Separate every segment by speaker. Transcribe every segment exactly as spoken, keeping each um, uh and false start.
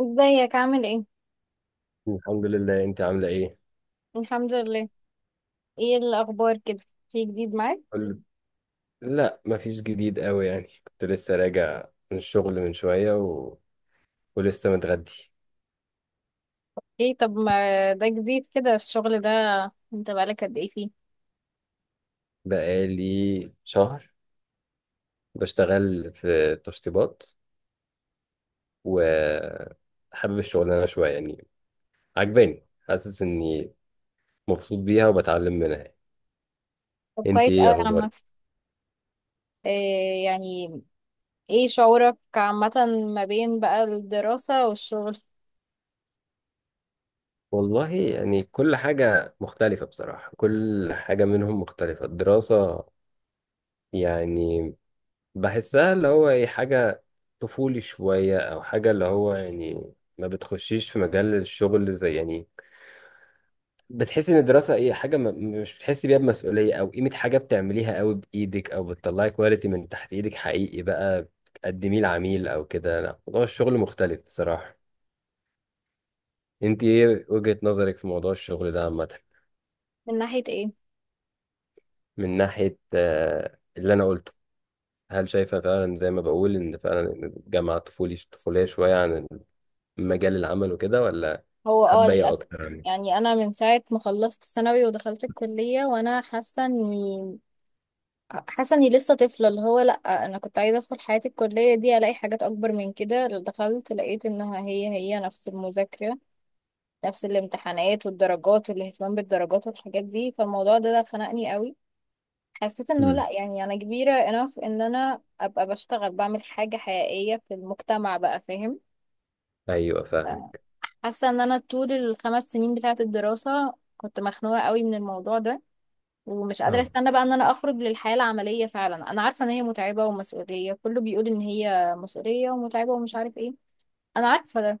Speaker 1: ازيك عامل ايه؟
Speaker 2: الحمد لله. انت عامله ايه؟
Speaker 1: الحمد لله. ايه الاخبار كده؟ في جديد معاك؟
Speaker 2: قول- لا، مفيش جديد قوي يعني، كنت لسه راجع من الشغل من شويه و... ولسه متغدي.
Speaker 1: ايه؟ طب ما ده جديد كده الشغل ده. انت بقالك قد ايه فيه؟
Speaker 2: بقالي شهر بشتغل في تشطيبات، وحابب الشغلانه شويه يعني، عجباني، حاسس اني مبسوط بيها وبتعلم منها يعني.
Speaker 1: طب
Speaker 2: انت
Speaker 1: كويس
Speaker 2: ايه
Speaker 1: قوي عامه.
Speaker 2: اخبارك؟
Speaker 1: إيه يعني؟ ايه شعورك عامه ما بين بقى الدراسه والشغل؟
Speaker 2: والله يعني كل حاجه مختلفه بصراحه، كل حاجه منهم مختلفه. الدراسه يعني بحسها اللي هو ايه، حاجة طفولي شوية، او حاجة اللي هو يعني ما بتخشيش في مجال الشغل، زي يعني بتحسي ان الدراسة ايه حاجة ما، مش بتحسي بيها بمسؤولية او قيمة حاجة بتعمليها قوي بايدك او بتطلعي كواليتي من تحت ايدك حقيقي بقى تقدميه لعميل او كده. لا، موضوع الشغل مختلف بصراحة. انت ايه وجهة نظرك في موضوع الشغل ده عامة؟
Speaker 1: من ناحيه ايه؟
Speaker 2: من ناحية آه، اللي انا قلته، هل شايفة فعلا زي ما بقول ان فعلا الجامعة طفولي طفولية شوية عن مجال العمل وكده، ولا؟
Speaker 1: هو اه،
Speaker 2: حابة ايه
Speaker 1: للاسف.
Speaker 2: اكتر يعني؟
Speaker 1: يعني انا من ساعه ما خلصت ثانوي ودخلت الكليه وانا حاسه اني حاسه اني لسه طفله. اللي هو لا، انا كنت عايزه ادخل حياه الكليه دي الاقي حاجات اكبر من كده. دخلت لقيت انها هي هي نفس المذاكره، نفس الامتحانات والدرجات والاهتمام بالدرجات والحاجات دي. فالموضوع ده ده خنقني قوي. حسيت انه
Speaker 2: امم،
Speaker 1: لا، يعني انا كبيرة enough ان انا ابقى بشتغل، بعمل حاجة حقيقية في المجتمع بقى. فاهم؟
Speaker 2: ايوه فاهمك.
Speaker 1: حاسة ان انا طول الخمس سنين بتاعة الدراسة كنت مخنوقة قوي من الموضوع ده، ومش قادرة
Speaker 2: اه،
Speaker 1: استنى بقى ان انا اخرج للحياة العملية. فعلا انا عارفة ان هي متعبة ومسؤولية، كله بيقول ان هي مسؤولية ومتعبة ومش عارف ايه. انا عارفة.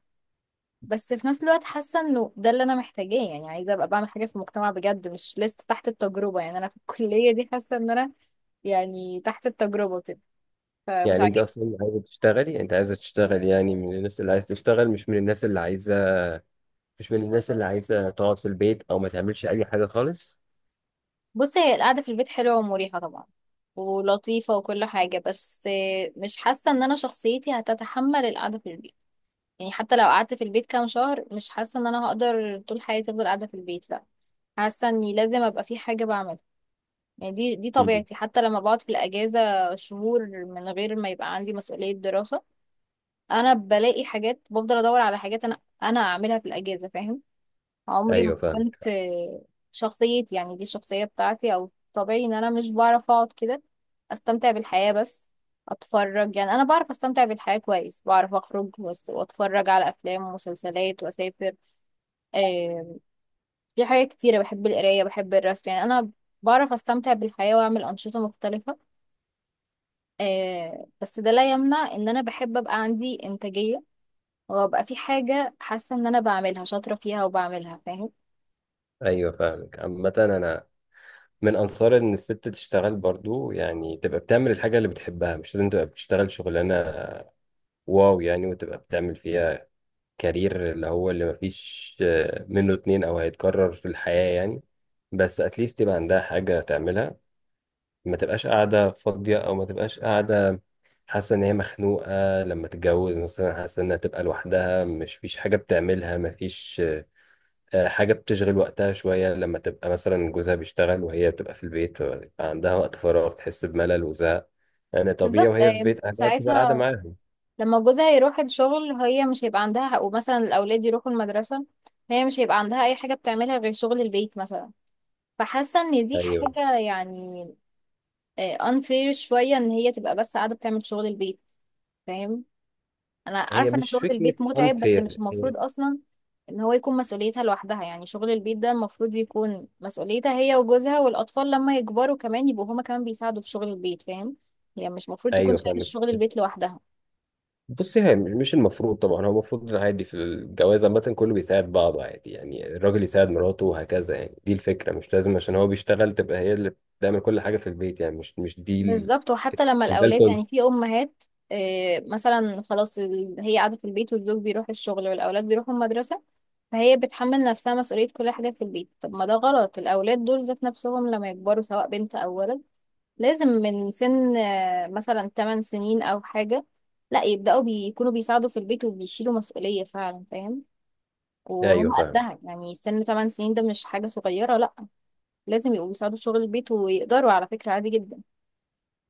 Speaker 1: بس في نفس الوقت حاسه انه ده اللي انا محتاجاه. يعني عايزه ابقى بعمل حاجه في المجتمع بجد، مش لسه تحت التجربه. يعني انا في الكليه دي حاسه ان انا يعني تحت التجربه كده، فمش
Speaker 2: يعني انت
Speaker 1: عاجبني.
Speaker 2: اصلا عايزة تشتغلي انت عايزة تشتغل، يعني من الناس اللي عايزة تشتغل، مش من الناس اللي عايزة مش من الناس اللي عايزة تقعد في البيت او ما تعملش اي حاجة خالص.
Speaker 1: بصي، هي القعده في البيت حلوه ومريحه طبعا ولطيفه وكل حاجه، بس مش حاسه ان انا شخصيتي هتتحمل القعده في البيت. يعني حتى لو قعدت في البيت كام شهر، مش حاسه ان انا هقدر طول حياتي افضل قاعده في البيت. لا، حاسه اني لازم ابقى في حاجه بعملها. يعني دي دي
Speaker 2: امم،
Speaker 1: طبيعتي. حتى لما بقعد في الأجازة شهور من غير ما يبقى عندي مسؤولية دراسة، أنا بلاقي حاجات، بفضل أدور على حاجات أنا أنا أعملها في الأجازة. فاهم؟ عمري ما
Speaker 2: ايوه
Speaker 1: كنت
Speaker 2: فاهمك.
Speaker 1: آه، شخصيتي، يعني دي الشخصية بتاعتي أو طبيعي إن أنا مش بعرف أقعد كده أستمتع بالحياة بس أتفرج. يعني أنا بعرف أستمتع بالحياة كويس، بعرف أخرج وأس- وأتفرج على أفلام ومسلسلات وأسافر. آه، في حاجات كتيرة، بحب القراية، بحب الرسم. يعني أنا بعرف أستمتع بالحياة وأعمل أنشطة مختلفة. آه بس ده لا يمنع ان انا بحب ابقى عندي انتاجية، وابقى في حاجة حاسة ان انا بعملها شاطرة فيها وبعملها. فاهم؟
Speaker 2: ايوه فاهمك. عامة انا من انصار ان الست تشتغل برضو، يعني تبقى بتعمل الحاجة اللي بتحبها، مش لازم تبقى بتشتغل شغلانة واو يعني وتبقى بتعمل فيها كارير، اللي هو اللي مفيش آه، منه اتنين او هيتكرر في الحياة يعني، بس اتليست يبقى عندها حاجة تعملها، ما تبقاش قاعدة فاضية، او ما تبقاش قاعدة حاسة ان هي مخنوقة لما تتجوز مثلا، حاسة انها تبقى لوحدها مش فيش حاجة بتعملها، مفيش آه، حاجة بتشغل وقتها شوية لما تبقى مثلا جوزها بيشتغل وهي بتبقى في البيت، فبيبقى عندها وقت فراغ تحس بملل وزهق يعني، طبيعي
Speaker 1: بالظبط.
Speaker 2: وهي في
Speaker 1: آه
Speaker 2: بيت أهلها بتبقى قاعدة
Speaker 1: ساعتها
Speaker 2: معاهم.
Speaker 1: لما جوزها يروح الشغل هي مش هيبقى عندها حق، ومثلا الاولاد يروحوا المدرسة، هي مش هيبقى عندها اي حاجة بتعملها غير شغل البيت مثلا. فحاسة ان دي
Speaker 2: ايوه.
Speaker 1: حاجة يعني آه unfair شوية، ان هي تبقى بس قاعدة بتعمل شغل البيت. فاهم؟ انا
Speaker 2: هي
Speaker 1: عارفه ان
Speaker 2: مش
Speaker 1: شغل
Speaker 2: فكرة
Speaker 1: البيت متعب، بس مش
Speaker 2: unfair. هي
Speaker 1: المفروض اصلا ان هو يكون مسؤوليتها لوحدها. يعني شغل البيت ده المفروض يكون مسؤوليتها هي وجوزها، والاطفال لما يكبروا كمان يبقوا هما كمان بيساعدوا في شغل البيت. فاهم؟ هي مش المفروض تكون
Speaker 2: ايوه
Speaker 1: شايله
Speaker 2: فاهمك.
Speaker 1: شغل البيت لوحدها.
Speaker 2: بص، هي مش مش المفروض طبعا، هو المفروض عادي في الجواز عامة كله بيساعد بعض عادي يعني، الراجل يساعد مراته وهكذا يعني، دي الفكرة، مش لازم عشان هو بيشتغل تبقى هي اللي بتعمل كل حاجة في البيت يعني، مش مش دي ال-
Speaker 1: بالظبط، وحتى لما
Speaker 2: مش ده
Speaker 1: الاولاد،
Speaker 2: الكل.
Speaker 1: يعني في امهات، آه، مثلا خلاص، ال- هي قاعده في البيت والزوج بيروح الشغل والاولاد بيروحوا المدرسه، فهي بتحمل نفسها مسؤوليه كل حاجه في البيت. طب ما ده غلط، الاولاد دول ذات نفسهم لما يكبروا سواء بنت او ولد، لازم من سن آه، مثلا 8 سنين أو حاجة، لا، يبدأوا بيكونوا بيساعدوا في البيت وبيشيلوا مسؤولية فعلا. فاهم؟ وهم
Speaker 2: ايوه فاهم.
Speaker 1: قدها، يعني سن 8 سنين ده مش حاجة صغيرة، لا. لازم يبقوا بيساعدوا في شغل البيت، ويقدروا على فكرة عادي جدا.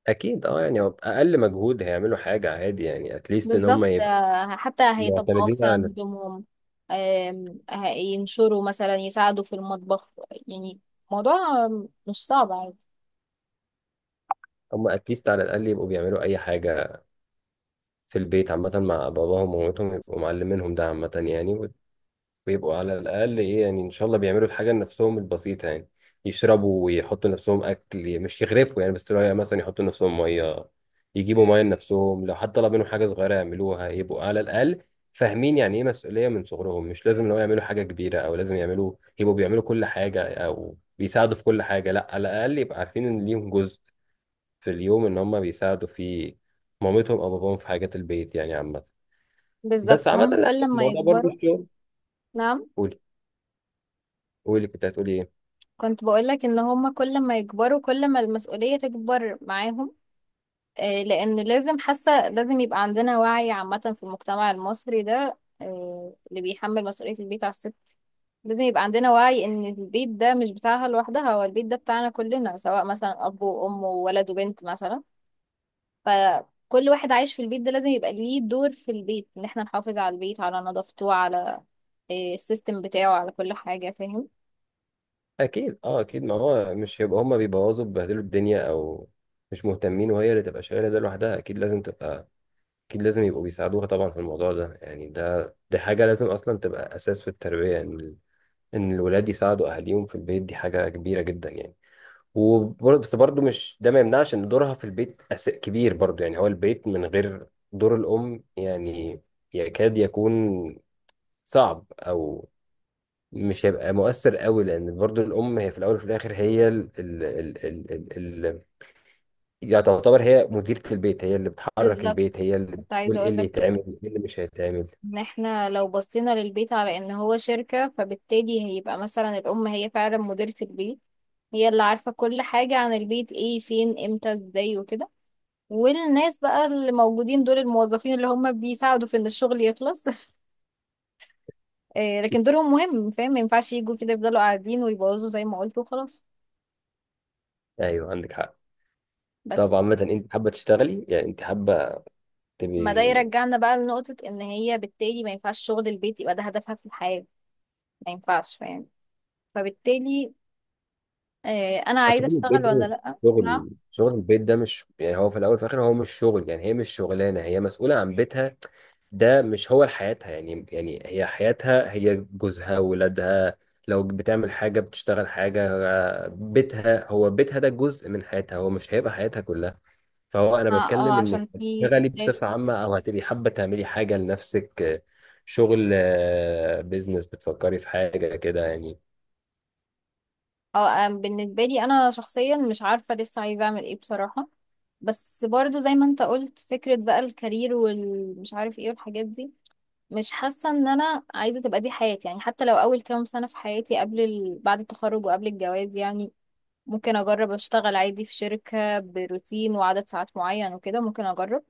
Speaker 2: اكيد اه يعني هو بأقل مجهود هيعملوا حاجة عادي يعني، اتليست ان هم
Speaker 1: بالظبط.
Speaker 2: يبقوا
Speaker 1: آه، حتى هيطبقوا
Speaker 2: معتمدين
Speaker 1: مثلا
Speaker 2: على نفسهم.
Speaker 1: هدومهم، آم، هينشروا، مثلا يساعدوا في المطبخ. يعني موضوع آم، مش صعب، عادي.
Speaker 2: هم اتليست على الاقل يبقوا بيعملوا اي حاجة في البيت عامة مع باباهم ومامتهم، يبقوا معلمينهم، ده عامة يعني بيبقوا على الأقل إيه يعني، إن شاء الله بيعملوا الحاجة لنفسهم البسيطة يعني، يشربوا ويحطوا لنفسهم أكل مش يغرفوا يعني، بس تلاقي مثلا يحطوا لنفسهم مية، يجيبوا مية لنفسهم، لو حد طلب منهم حاجة صغيرة يعملوها، يبقوا على الأقل فاهمين يعني إيه مسؤولية من صغرهم. مش لازم لو يعملوا حاجة كبيرة أو لازم يعملوا يبقوا بيعملوا كل حاجة أو بيساعدوا في كل حاجة، لا، على الأقل يبقى عارفين إن ليهم جزء في اليوم إن هم بيساعدوا فيه مامتهم أو باباهم في حاجات البيت يعني عامة. بس
Speaker 1: بالظبط،
Speaker 2: عامة
Speaker 1: هم
Speaker 2: لا،
Speaker 1: كل ما
Speaker 2: الموضوع برضو
Speaker 1: يكبروا.
Speaker 2: الشغل.
Speaker 1: نعم.
Speaker 2: قولي، قولي كنت هتقولي إيه؟
Speaker 1: كنت بقولك ان هما كل ما يكبروا كل ما المسؤولية تكبر معاهم. آه، لان لازم، حاسة لازم يبقى عندنا وعي عامة في المجتمع المصري ده، آه، اللي بيحمل مسؤولية البيت على الست. لازم يبقى عندنا وعي ان البيت ده مش بتاعها لوحدها، هو البيت ده بتاعنا كلنا، سواء مثلا اب وام وولد وبنت مثلا. فكل واحد عايش في البيت ده لازم يبقى ليه دور في البيت، ان احنا نحافظ على البيت، على نظافته، على آه، السيستم بتاعه، على كل حاجة. فاهم؟
Speaker 2: اكيد اه، اكيد ما هو مش هيبقى هما بيبوظوا بيبهدلوا الدنيا او مش مهتمين وهي اللي تبقى شايله ده لوحدها، اكيد لازم تبقى، اكيد لازم يبقوا بيساعدوها طبعا في الموضوع ده يعني، ده دي حاجه لازم اصلا تبقى اساس في التربيه، ان ال- ان الولاد يساعدوا اهاليهم في البيت، دي حاجه كبيره جدا يعني. وبرضه، بس برضه مش ده ما يمنعش ان دورها في البيت أس... كبير برضه يعني، هو البيت من غير دور الام يعني يكاد يكون صعب او مش هيبقى مؤثر قوي، لان برضو الام هي في الاول وفي الاخر هي ال ال ال ال ال ال يعني تعتبر هي مديرة البيت، هي اللي بتحرك البيت،
Speaker 1: بالظبط.
Speaker 2: هي اللي
Speaker 1: كنت
Speaker 2: بتقول
Speaker 1: عايزة
Speaker 2: ايه اللي
Speaker 1: اقولك كده،
Speaker 2: يتعمل ايه اللي مش هيتعمل.
Speaker 1: ان احنا لو بصينا للبيت على ان هو شركة، فبالتالي هيبقى مثلا الام هي فعلا مديرة البيت. هي اللي عارفة كل حاجة عن البيت، ايه فين امتى ازاي وكده. والناس بقى اللي موجودين دول الموظفين اللي هم بيساعدوا في ان الشغل يخلص آه، لكن دورهم مهم. فاهم؟ ما ينفعش يجوا كده يفضلوا قاعدين ويبوظوا زي ما قلت وخلاص.
Speaker 2: ايوه عندك حق. طب
Speaker 1: بس،
Speaker 2: عامة انت حابة تشتغلي يعني، انت حابة
Speaker 1: ما ده
Speaker 2: تبقي،
Speaker 1: يرجعنا بقى لنقطة، ان هي بالتالي ما ينفعش شغل البيت يبقى ده هدفها في الحياة. ما ينفعش. فاهم؟ فبالتالي آه، انا
Speaker 2: اصل
Speaker 1: عايزة
Speaker 2: شغل البيت
Speaker 1: اشتغل
Speaker 2: ده
Speaker 1: ولا
Speaker 2: مش
Speaker 1: لأ؟ نعم.
Speaker 2: شغل، شغل البيت ده مش يعني هو في الاول وفي الاخر هو مش شغل يعني، هي مش شغلانه، هي مسؤوله عن بيتها، ده مش هو حياتها يعني، يعني هي حياتها هي جوزها ولادها، لو بتعمل حاجه بتشتغل حاجه، بيتها هو بيتها ده جزء من حياتها، هو مش هيبقى حياتها كلها. فهو انا
Speaker 1: اه، اه،
Speaker 2: بتكلم انك
Speaker 1: عشان في
Speaker 2: تشتغلي
Speaker 1: ستات.
Speaker 2: بصفه عامه، او هتبقي حابه تعملي حاجه لنفسك، شغل، بيزنس، بتفكري في حاجه كده يعني؟
Speaker 1: اه، آه، بالنسبة لي انا شخصيا مش عارفة لسه عايزة اعمل ايه بصراحة. بس برضو زي ما انت قلت، فكرة بقى الكارير والمش عارف ايه والحاجات دي، مش حاسة ان انا عايزة تبقى دي حياتي. يعني حتى لو اول كام سنة في حياتي قبل ال... بعد التخرج وقبل الجواز، يعني ممكن اجرب اشتغل عادي في شركة بروتين وعدد ساعات معين وكده، ممكن اجرب.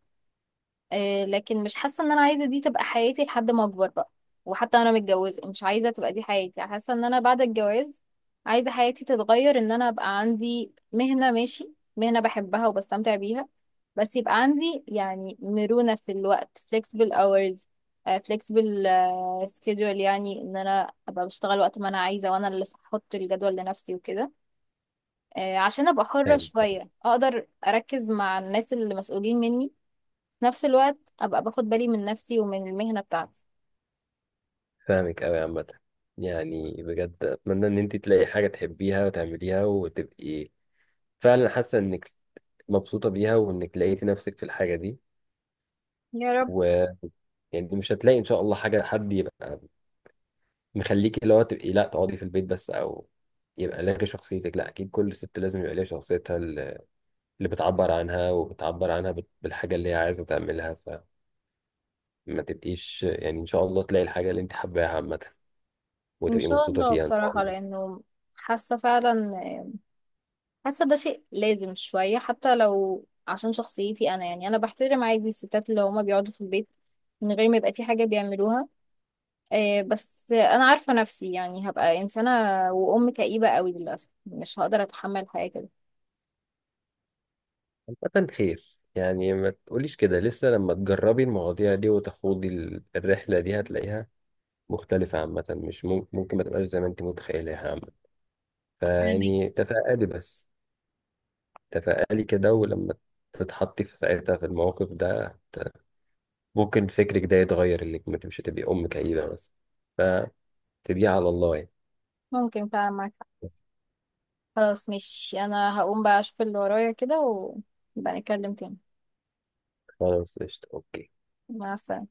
Speaker 1: آه، لكن مش حاسة ان انا عايزة دي تبقى حياتي لحد ما اكبر بقى. وحتى انا متجوزة مش عايزة تبقى دي حياتي. حاسة ان انا بعد الجواز عايزة حياتي تتغير، ان انا ابقى عندي مهنة، ماشي، مهنة بحبها وبستمتع بيها. بس يبقى عندي يعني مرونة في الوقت، flexible hours، آه، flexible آه، schedule. يعني ان انا ابقى بشتغل وقت ما انا عايزة، وانا اللي احط الجدول لنفسي وكده. آه، عشان ابقى حرة
Speaker 2: طيب.
Speaker 1: شوية، اقدر اركز مع الناس اللي مسؤولين مني، في نفس الوقت ابقى باخد بالي من نفسي ومن المهنة بتاعتي.
Speaker 2: فاهمك أوي عامة. يعني بجد أتمنى إن أنت تلاقي حاجة تحبيها وتعمليها وتبقي فعلا حاسة إنك مبسوطة بيها وإنك لقيتي نفسك في الحاجة دي،
Speaker 1: يا رب.
Speaker 2: ويعني مش هتلاقي إن شاء الله حاجة، حد يبقى مخليكي اللي هو تبقي لا تقعدي في البيت بس، أو يبقى لك شخصيتك، لا أكيد كل ست لازم يبقى ليها شخصيتها اللي اللي بتعبر عنها، وبتعبر عنها بال- بالحاجة اللي هي عايزة تعملها، فما تبقيش يعني إن شاء الله تلاقي الحاجة اللي أنت حباها عامة
Speaker 1: ان
Speaker 2: وتبقي
Speaker 1: شاء
Speaker 2: مبسوطة
Speaker 1: الله
Speaker 2: فيها إن شاء
Speaker 1: بصراحة،
Speaker 2: الله.
Speaker 1: لانه حاسة فعلا، حاسة ده شيء لازم شوية، حتى لو عشان شخصيتي انا. يعني انا بحترم عادي الستات اللي هما بيقعدوا في البيت من غير ما يبقى في حاجة بيعملوها، آه، بس انا عارفة نفسي، يعني هبقى انسانة وام كئيبة قوي للاسف. مش هقدر اتحمل حاجة كده.
Speaker 2: عامة خير يعني، ما تقوليش كده لسه، لما تجربي المواضيع دي وتخوضي ال- الرحلة دي هتلاقيها مختلفة عامة، مش ممكن، ممكن ما تبقاش زي ما انت متخيلها عامة،
Speaker 1: فاهمك.
Speaker 2: فيعني تفائلي بس، تفائلي كده، ولما تتحطي في ساعتها في الموقف ده هت- ممكن فكرك ده يتغير انك مش هتبقي أم كئيبة بس، فتبقي على الله يعني.
Speaker 1: ممكن فعلا معاك حق. خلاص، مش انا هقوم بقى اشوف اللي ورايا كده ونبقى نتكلم تاني.
Speaker 2: خلاص قشطة، اوكي.
Speaker 1: مع السلامة.